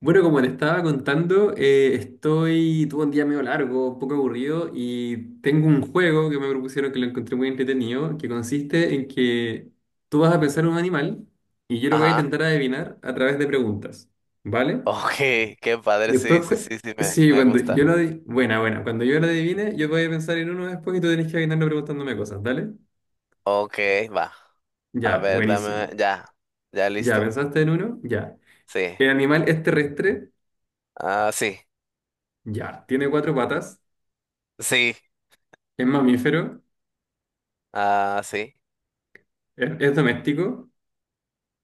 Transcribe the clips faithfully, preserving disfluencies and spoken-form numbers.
Bueno, como te estaba contando, eh, estoy, tuve un día medio largo, un poco aburrido y tengo un juego que me propusieron que lo encontré muy entretenido, que consiste en que tú vas a pensar en un animal y yo lo voy a Ajá. intentar adivinar a través de preguntas, ¿vale? Ok, qué padre, Después, sí, sí, cu- sí, sí, me, sí, me cuando yo gusta. lo adivine, buena, buena, cuando yo lo adivine, yo voy a pensar en uno después y tú tenés que adivinarlo preguntándome cosas, ¿dale? Ok, va. A Ya, ver, dame, buenísimo. ya, ya Ya, listo. ¿pensaste en uno? Ya. Sí. ¿El animal es terrestre? Ah, sí, Ya. ¿Tiene cuatro patas? sí, ¿Es mamífero? ah, sí. Es, es doméstico.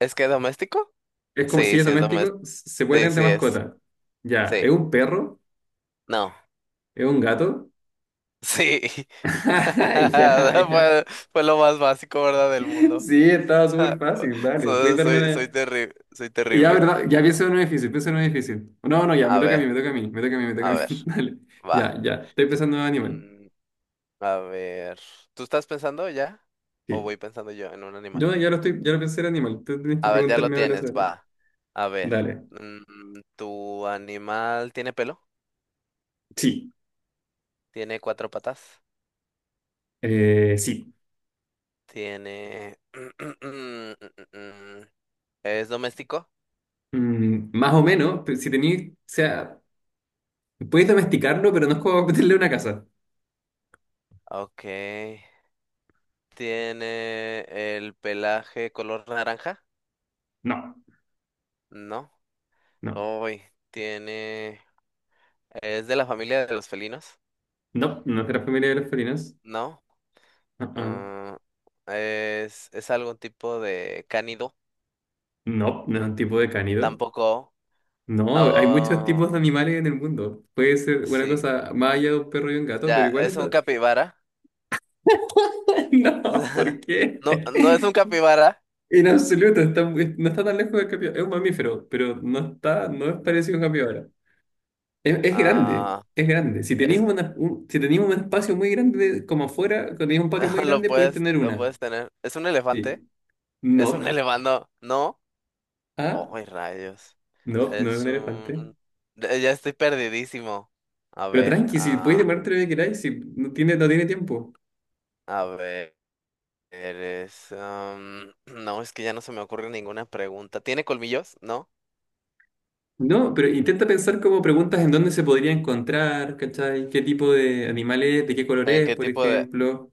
¿Es que doméstico? Es como si Sí, es sí es doméstico. doméstico. s- Se puede Sí, tener de sí es. mascota. Ya. ¿Es Sí. un perro? No. ¿Es un gato? Sí. Ay, ya, ya. Fue, fue lo más básico, ¿verdad? Del mundo. Sí, estaba súper fácil. Dale. Puedes Soy, darme soy, soy una. terrible, soy Ya, terrible. ¿verdad? Ya pienso en un difícil. Pienso en un difícil. No, no, ya. Me A toca a ver, mí, me toca a mí. Me toca a mí, me toca a a mí. ver, Dale. va. Ya, ya. Estoy pensando en animal. Mm, A ver, ¿tú estás pensando ya? ¿O Sí. voy pensando yo en un animal? Yo ya lo estoy. Ya lo pensé en animal. Tú tienes que A ver, ya lo preguntarme ahora tienes, sobre. va. A ver, Dale. mm, ¿tu animal tiene pelo? Sí. ¿Tiene cuatro patas? Eh, sí. ¿Tiene... ¿Es doméstico? Mm, más o menos. Pero si tenéis. O sea. Puedes domesticarlo, pero no es como meterle una casa. Ok. ¿Tiene el pelaje color naranja? No, No. no. Uy, tiene... ¿Es de la familia de los felinos? No, no es de la familia de los felinos. No. Ah, ah. Mm, ¿es, es algún tipo de cánido? No, no es un tipo de cánido. Tampoco. No, hay muchos Oh, tipos de animales en el mundo. Puede ser una sí. cosa más allá de un perro y un gato, pero Ya, igual es... es un do- capibara. No, ¿por qué? No, no es un capibara. En absoluto, está muy- no está tan lejos del capibara. Es un mamífero, pero no está, no es parecido a un capibara. Es, es grande, Ah, es grande. Si tenéis es una- un, si tenéis un espacio muy grande como afuera, cuando tenéis un patio muy lo grande, podéis puedes, tener lo una. puedes tener. ¿Es un elefante? Sí. ¿Es un No. elefante? No. Ah, Oh, rayos. no, no es Es un elefante. un eh, Ya estoy perdidísimo. A Pero ver, tranqui, si puedes ah, demorarte lo que queráis, si no tiene, no tiene tiempo. a ver, eres am, no, es que ya no se me ocurre ninguna pregunta. ¿Tiene colmillos? ¿No? No, pero intenta pensar como preguntas en dónde se podría encontrar, ¿cachai? ¿Qué tipo de animal es? ¿De qué color ¿En es, qué por tipo de ejemplo?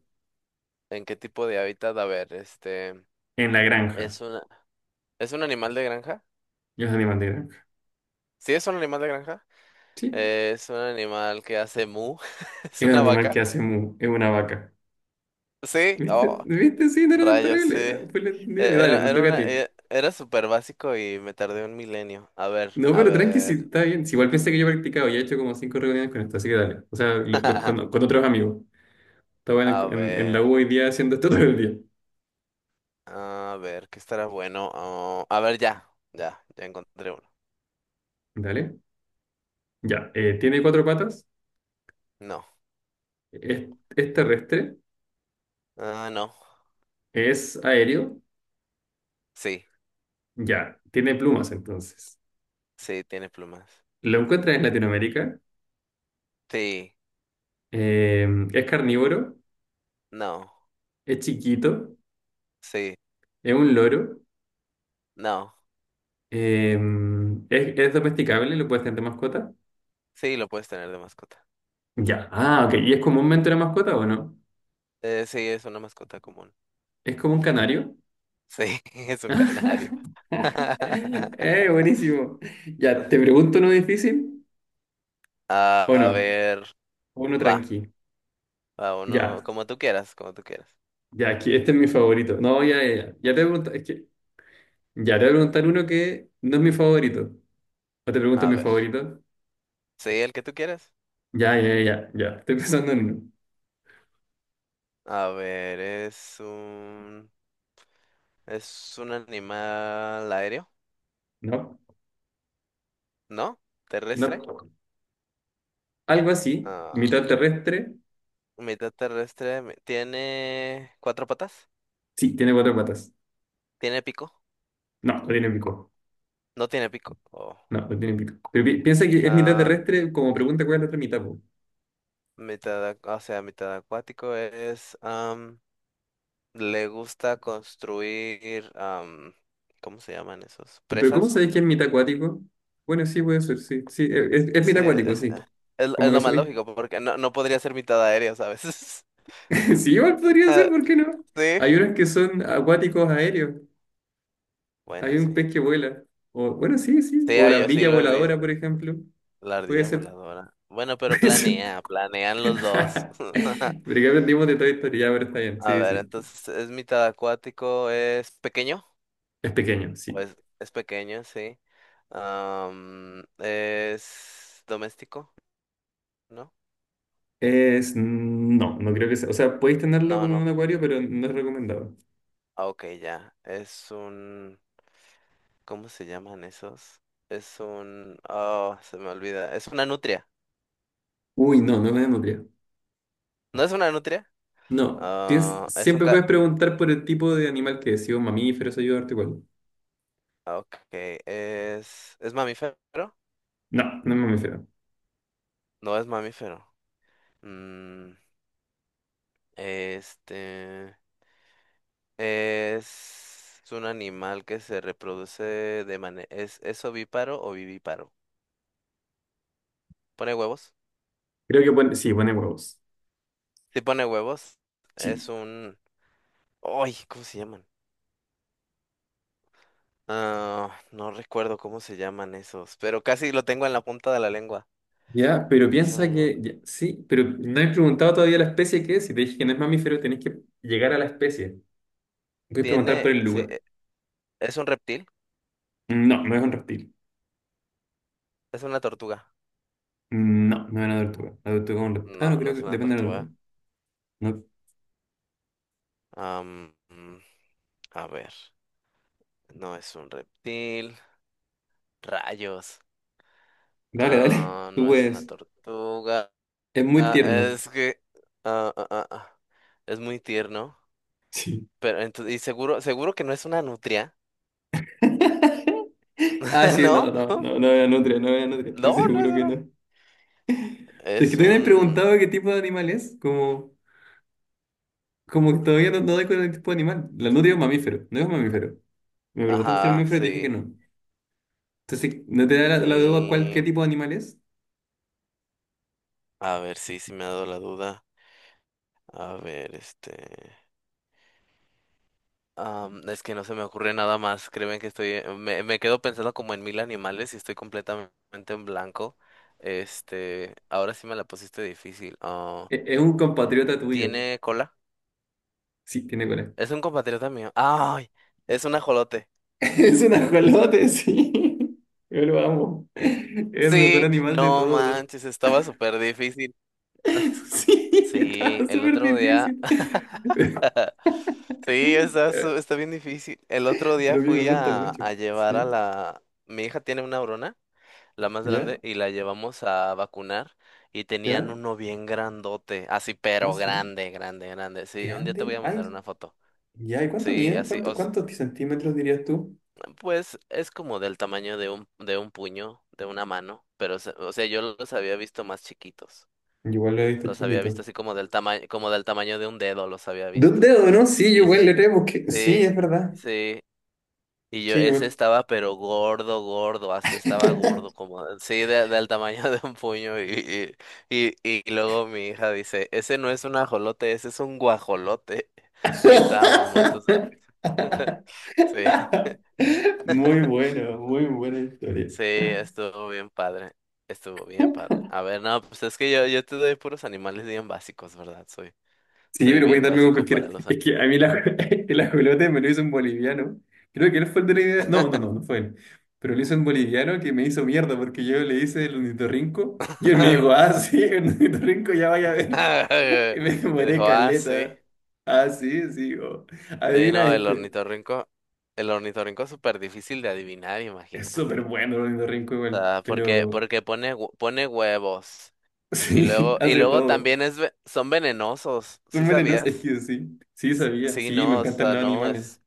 en qué tipo de hábitat? A ver, este En la granja. ¿Es un ¿Es un animal de granja? Y es animal de granja. Sí, es un animal de granja. Sí. Eh, es un animal que hace mu. ¿Es Es un una animal que vaca? hace mu, es una vaca. Sí, ¿Viste? oh, ¿Viste? Sí, no era tan rayos, terrible. sí. era- Eh, Fue entendible. Dale, Era, te era toca a una, ti. eh, era súper básico y me tardé un milenio. A ver, No, a pero tranqui, si ver. está bien. Si igual pensé que yo he practicado, ya he hecho como cinco reuniones con esto, así que dale. O sea, lo- lo- con, con otros amigos. Estaba A en, en en la ver, U hoy día haciendo esto todo el día. a ver, ¿qué estará bueno? Oh, a ver, ya, ya, ya encontré uno. Dale. Ya, eh, tiene cuatro patas, No, es, es terrestre, ah, no, es aéreo, sí, ya, tiene plumas entonces. sí, tiene plumas. Lo encuentran en Latinoamérica, Sí, eh, es carnívoro, no, es chiquito, sí, es un loro, no, eh, es, es domesticable, lo puedes tener de mascota. sí, lo puedes tener de mascota. Ya, ah, ok, ¿y es comúnmente una mascota o no? Eh, sí, es una mascota común. ¿Es como un canario? Sí, es un canario. Eh, buenísimo. Ya, ¿te pregunto uno difícil A o a no? ver, Uno va, tranqui. va uno, Ya. como tú quieras, como tú quieras. Ya, aquí, este es mi favorito. No, ya, ya, ya. Ya te voy a preguntar, es que, ya te voy a preguntar uno que no es mi favorito. ¿O te pregunto A mi ver, favorito? sí, el que tú quieras. Ya, ya, ya, ya. Estoy pensando en uno. A ver, es un, es un animal aéreo, No, ¿no? Terrestre. no. Algo así, Ah, mitad terrestre. mitad terrestre. mi- Tiene cuatro patas. Sí, tiene cuatro patas. Tiene pico. No, no tiene pico. No tiene pico. Oh. No, no tiene pico. Pero pi- piensa que es mitad Ah, terrestre, como pregunta cuál es la otra mitad, po. mitad, ac- o sea, mitad acuático es. Le gusta construir, am, ¿cómo se llaman esos? Pero ¿cómo ¿Presas? sabéis que es mitad acuático? Bueno, sí, puede ser, sí. Sí, es, es Sí, mitad acuático, eh, sí. es, Como es que lo más asumí. lógico, porque no, no podría ser mitad aérea, ¿sabes? Sí, igual podría ser, Ah, ¿por qué no? sí. Hay unos que son acuáticos aéreos. Bueno, Hay un sí. pez que vuela. O, bueno, sí, sí. Sí, O ah, la yo sí ardilla lo he voladora, visto. por ejemplo. La Puede ardilla ser. voladora. Bueno, pero Puede ser. planea, planean los dos. Pero que aprendimos de toda historia, ya, pero está bien. A Sí, ver, sí. entonces, ¿es mitad acuático? ¿Es pequeño? Es pequeño, ¿O sí. es, es pequeño, sí? Am, ¿es doméstico? ¿No? Es. No, no creo que sea. O sea, podéis tenerlo No, como en no. un acuario, pero no es recomendado. Ah, ok, ya. Es un... ¿Cómo se llaman esos? Es un... Oh, se me olvida. Es una nutria. Uy, no, no es la nutria. ¿No es una nutria? No. Tienes- Ah, es un... siempre Ca... puedes preguntar por el tipo de animal que es. Si es un mamífero, se ayuda a darte cuál. ah, ok, es... ¿Es mamífero? No, no es mamífero. No es mamífero. Mm, este... Es un animal que se reproduce de manera... ¿Es, es ovíparo o vivíparo? ¿Pone huevos? Creo que pone. Sí, pone huevos. Si pone huevos. Sí. Es un... ¡Ay! ¿Cómo se llaman? Ah, no recuerdo cómo se llaman esos, pero casi lo tengo en la punta de la lengua. Ya, pero Es un piensa que, animal. ya, sí, pero no he preguntado todavía la especie que es. Si te dije que no es mamífero, tenés que llegar a la especie. Puedes preguntar Tiene, por el sí, lugar. e- es un reptil, No, no es un reptil. es una tortuga. No, no es una tortuga. La tortuga es un reptil. Ah, no, No, no creo es que una depende de la tortuga. tortuga. No. Am, mm, a ver, no es un reptil. Rayos. Dale, dale. Ah, Tú no es una puedes. tortuga. Es muy Ah, tierno. es que ah, ah, ah, ah, es muy tierno. Sí. Pero entonces, y seguro, seguro que no es una nutria. Ah, sí, no, ¿No? no, no, no era nutria, no era nutria. Estoy No, no es seguro que una. no. Es que Es todavía me he un. preguntado qué tipo de animal es. Como, como que todavía no, no doy con el tipo de animal. La nutria es un mamífero, no es un mamífero. Me preguntaste si era un Ajá, mamífero y te dije que sí. no. Entonces, sí, no te da la, la duda cuál, qué Y. tipo de animal es. A ver, sí, sí me ha dado la duda. A ver, este. Am, es que no se me ocurre nada más. Créeme que estoy, me, me quedo pensando como en mil animales y estoy completamente en blanco. Este, ahora sí me la pusiste difícil. Ah, E- Es, un compatriota tuyo. ¿tiene cola? Sí, tiene cola. Es un compatriota mío. ¡Ay! Es un ajolote. Es un ajolote, sí. Yo lo amo. Es el mejor Sí, animal de no todos. manches, estaba súper difícil. Sí, está Sí, el súper otro día. difícil. Sí, está, su- está bien difícil. El otro Pero día a mí me fui gusta a, mucho. a llevar a Sí, la. Mi hija tiene una brona, la más ya, grande, y la llevamos a vacunar y tenían ya. uno bien grandote, así Ah, pero sí. grande, grande, grande. Sí, un día te voy Grande. a Ay, mandar una foto. ya. ¿Y cuánto Sí, mide? así, o ¿Cuánto, s- cuántos centímetros dirías tú? pues es como del tamaño de un, de un puño, de una mano, pero se- o sea, yo los había visto más chiquitos. Yo igual lo he visto Los había visto chiquito. así como del tamaño, como del tamaño de un dedo, los había De un visto. dedo, ¿no? Sí, yo Y ese igual es, le tenemos que... Sí, sí, es verdad. sí. Y yo, Sí, yo ese igual. estaba pero gordo, gordo, así estaba gordo, como, sí, de- del tamaño de un puño. Y, y, y, y luego mi hija dice, ese no es un ajolote, ese es un guajolote. Y estábamos muertos de risa. Sí, Muy bueno, muy buena historia. sí, estuvo bien padre, estuvo bien padre. A ver, no, pues es que yo, yo te doy puros animales bien básicos, ¿verdad? Soy, Sí, soy pero puedes bien darme con básico cualquiera. para los Es que a mí la, el ajolote me lo hizo un boliviano. Creo que él fue el de la idea. No, no, no, no fue él. Pero lo hizo un boliviano que me hizo mierda porque yo le hice el ornitorrinco y él me animales. dijo, ah, sí, el ornitorrinco ya vaya a ver. Y me Y demoré dijo, ah, sí. caleta. Ah, sí, sí. Oh. Sí, Adivina no, el este. ornitorrinco, el ornitorrinco es súper difícil de adivinar, Es súper imagínate. bueno el ornitorrinco O igual, sea, porque, pero porque pone, hue- pone huevos. Y sí, luego, y hace luego todo. también es, ve- son venenosos, ¿sí Son venenosos, es sabías? que sí, sí S- sabía, Sí, sí, me no, o encantan sea, los no, animales. es,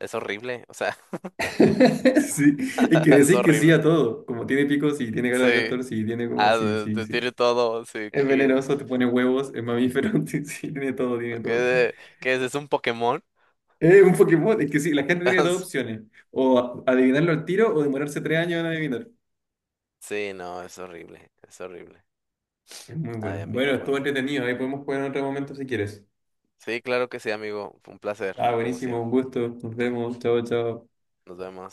es horrible, o sea, Sí, es que es decís que sí a horrible. todo, como tiene picos sí, tiene cara de Sí, castor, sí, tiene como, ah, sí, de- sí, te sí. tiene todo, sí, Es ¿qué, venenoso, te pone huevos, es mamífero, sí, sí, tiene todo, tiene todo. qué, qué es? ¿Es un Pokémon? Es un Pokémon, es que sí, la gente tiene dos opciones, o adivinarlo al tiro o demorarse tres años en adivinar. Sí, no, es horrible, es horrible. Es muy bueno. Ay, Bueno, amigo, estuvo bueno. entretenido, ahí podemos jugar en otro momento si quieres. Sí, claro que sí, amigo, fue un placer, Ah, como buenísimo, siempre. un gusto, nos vemos, chao, chao. Nos vemos.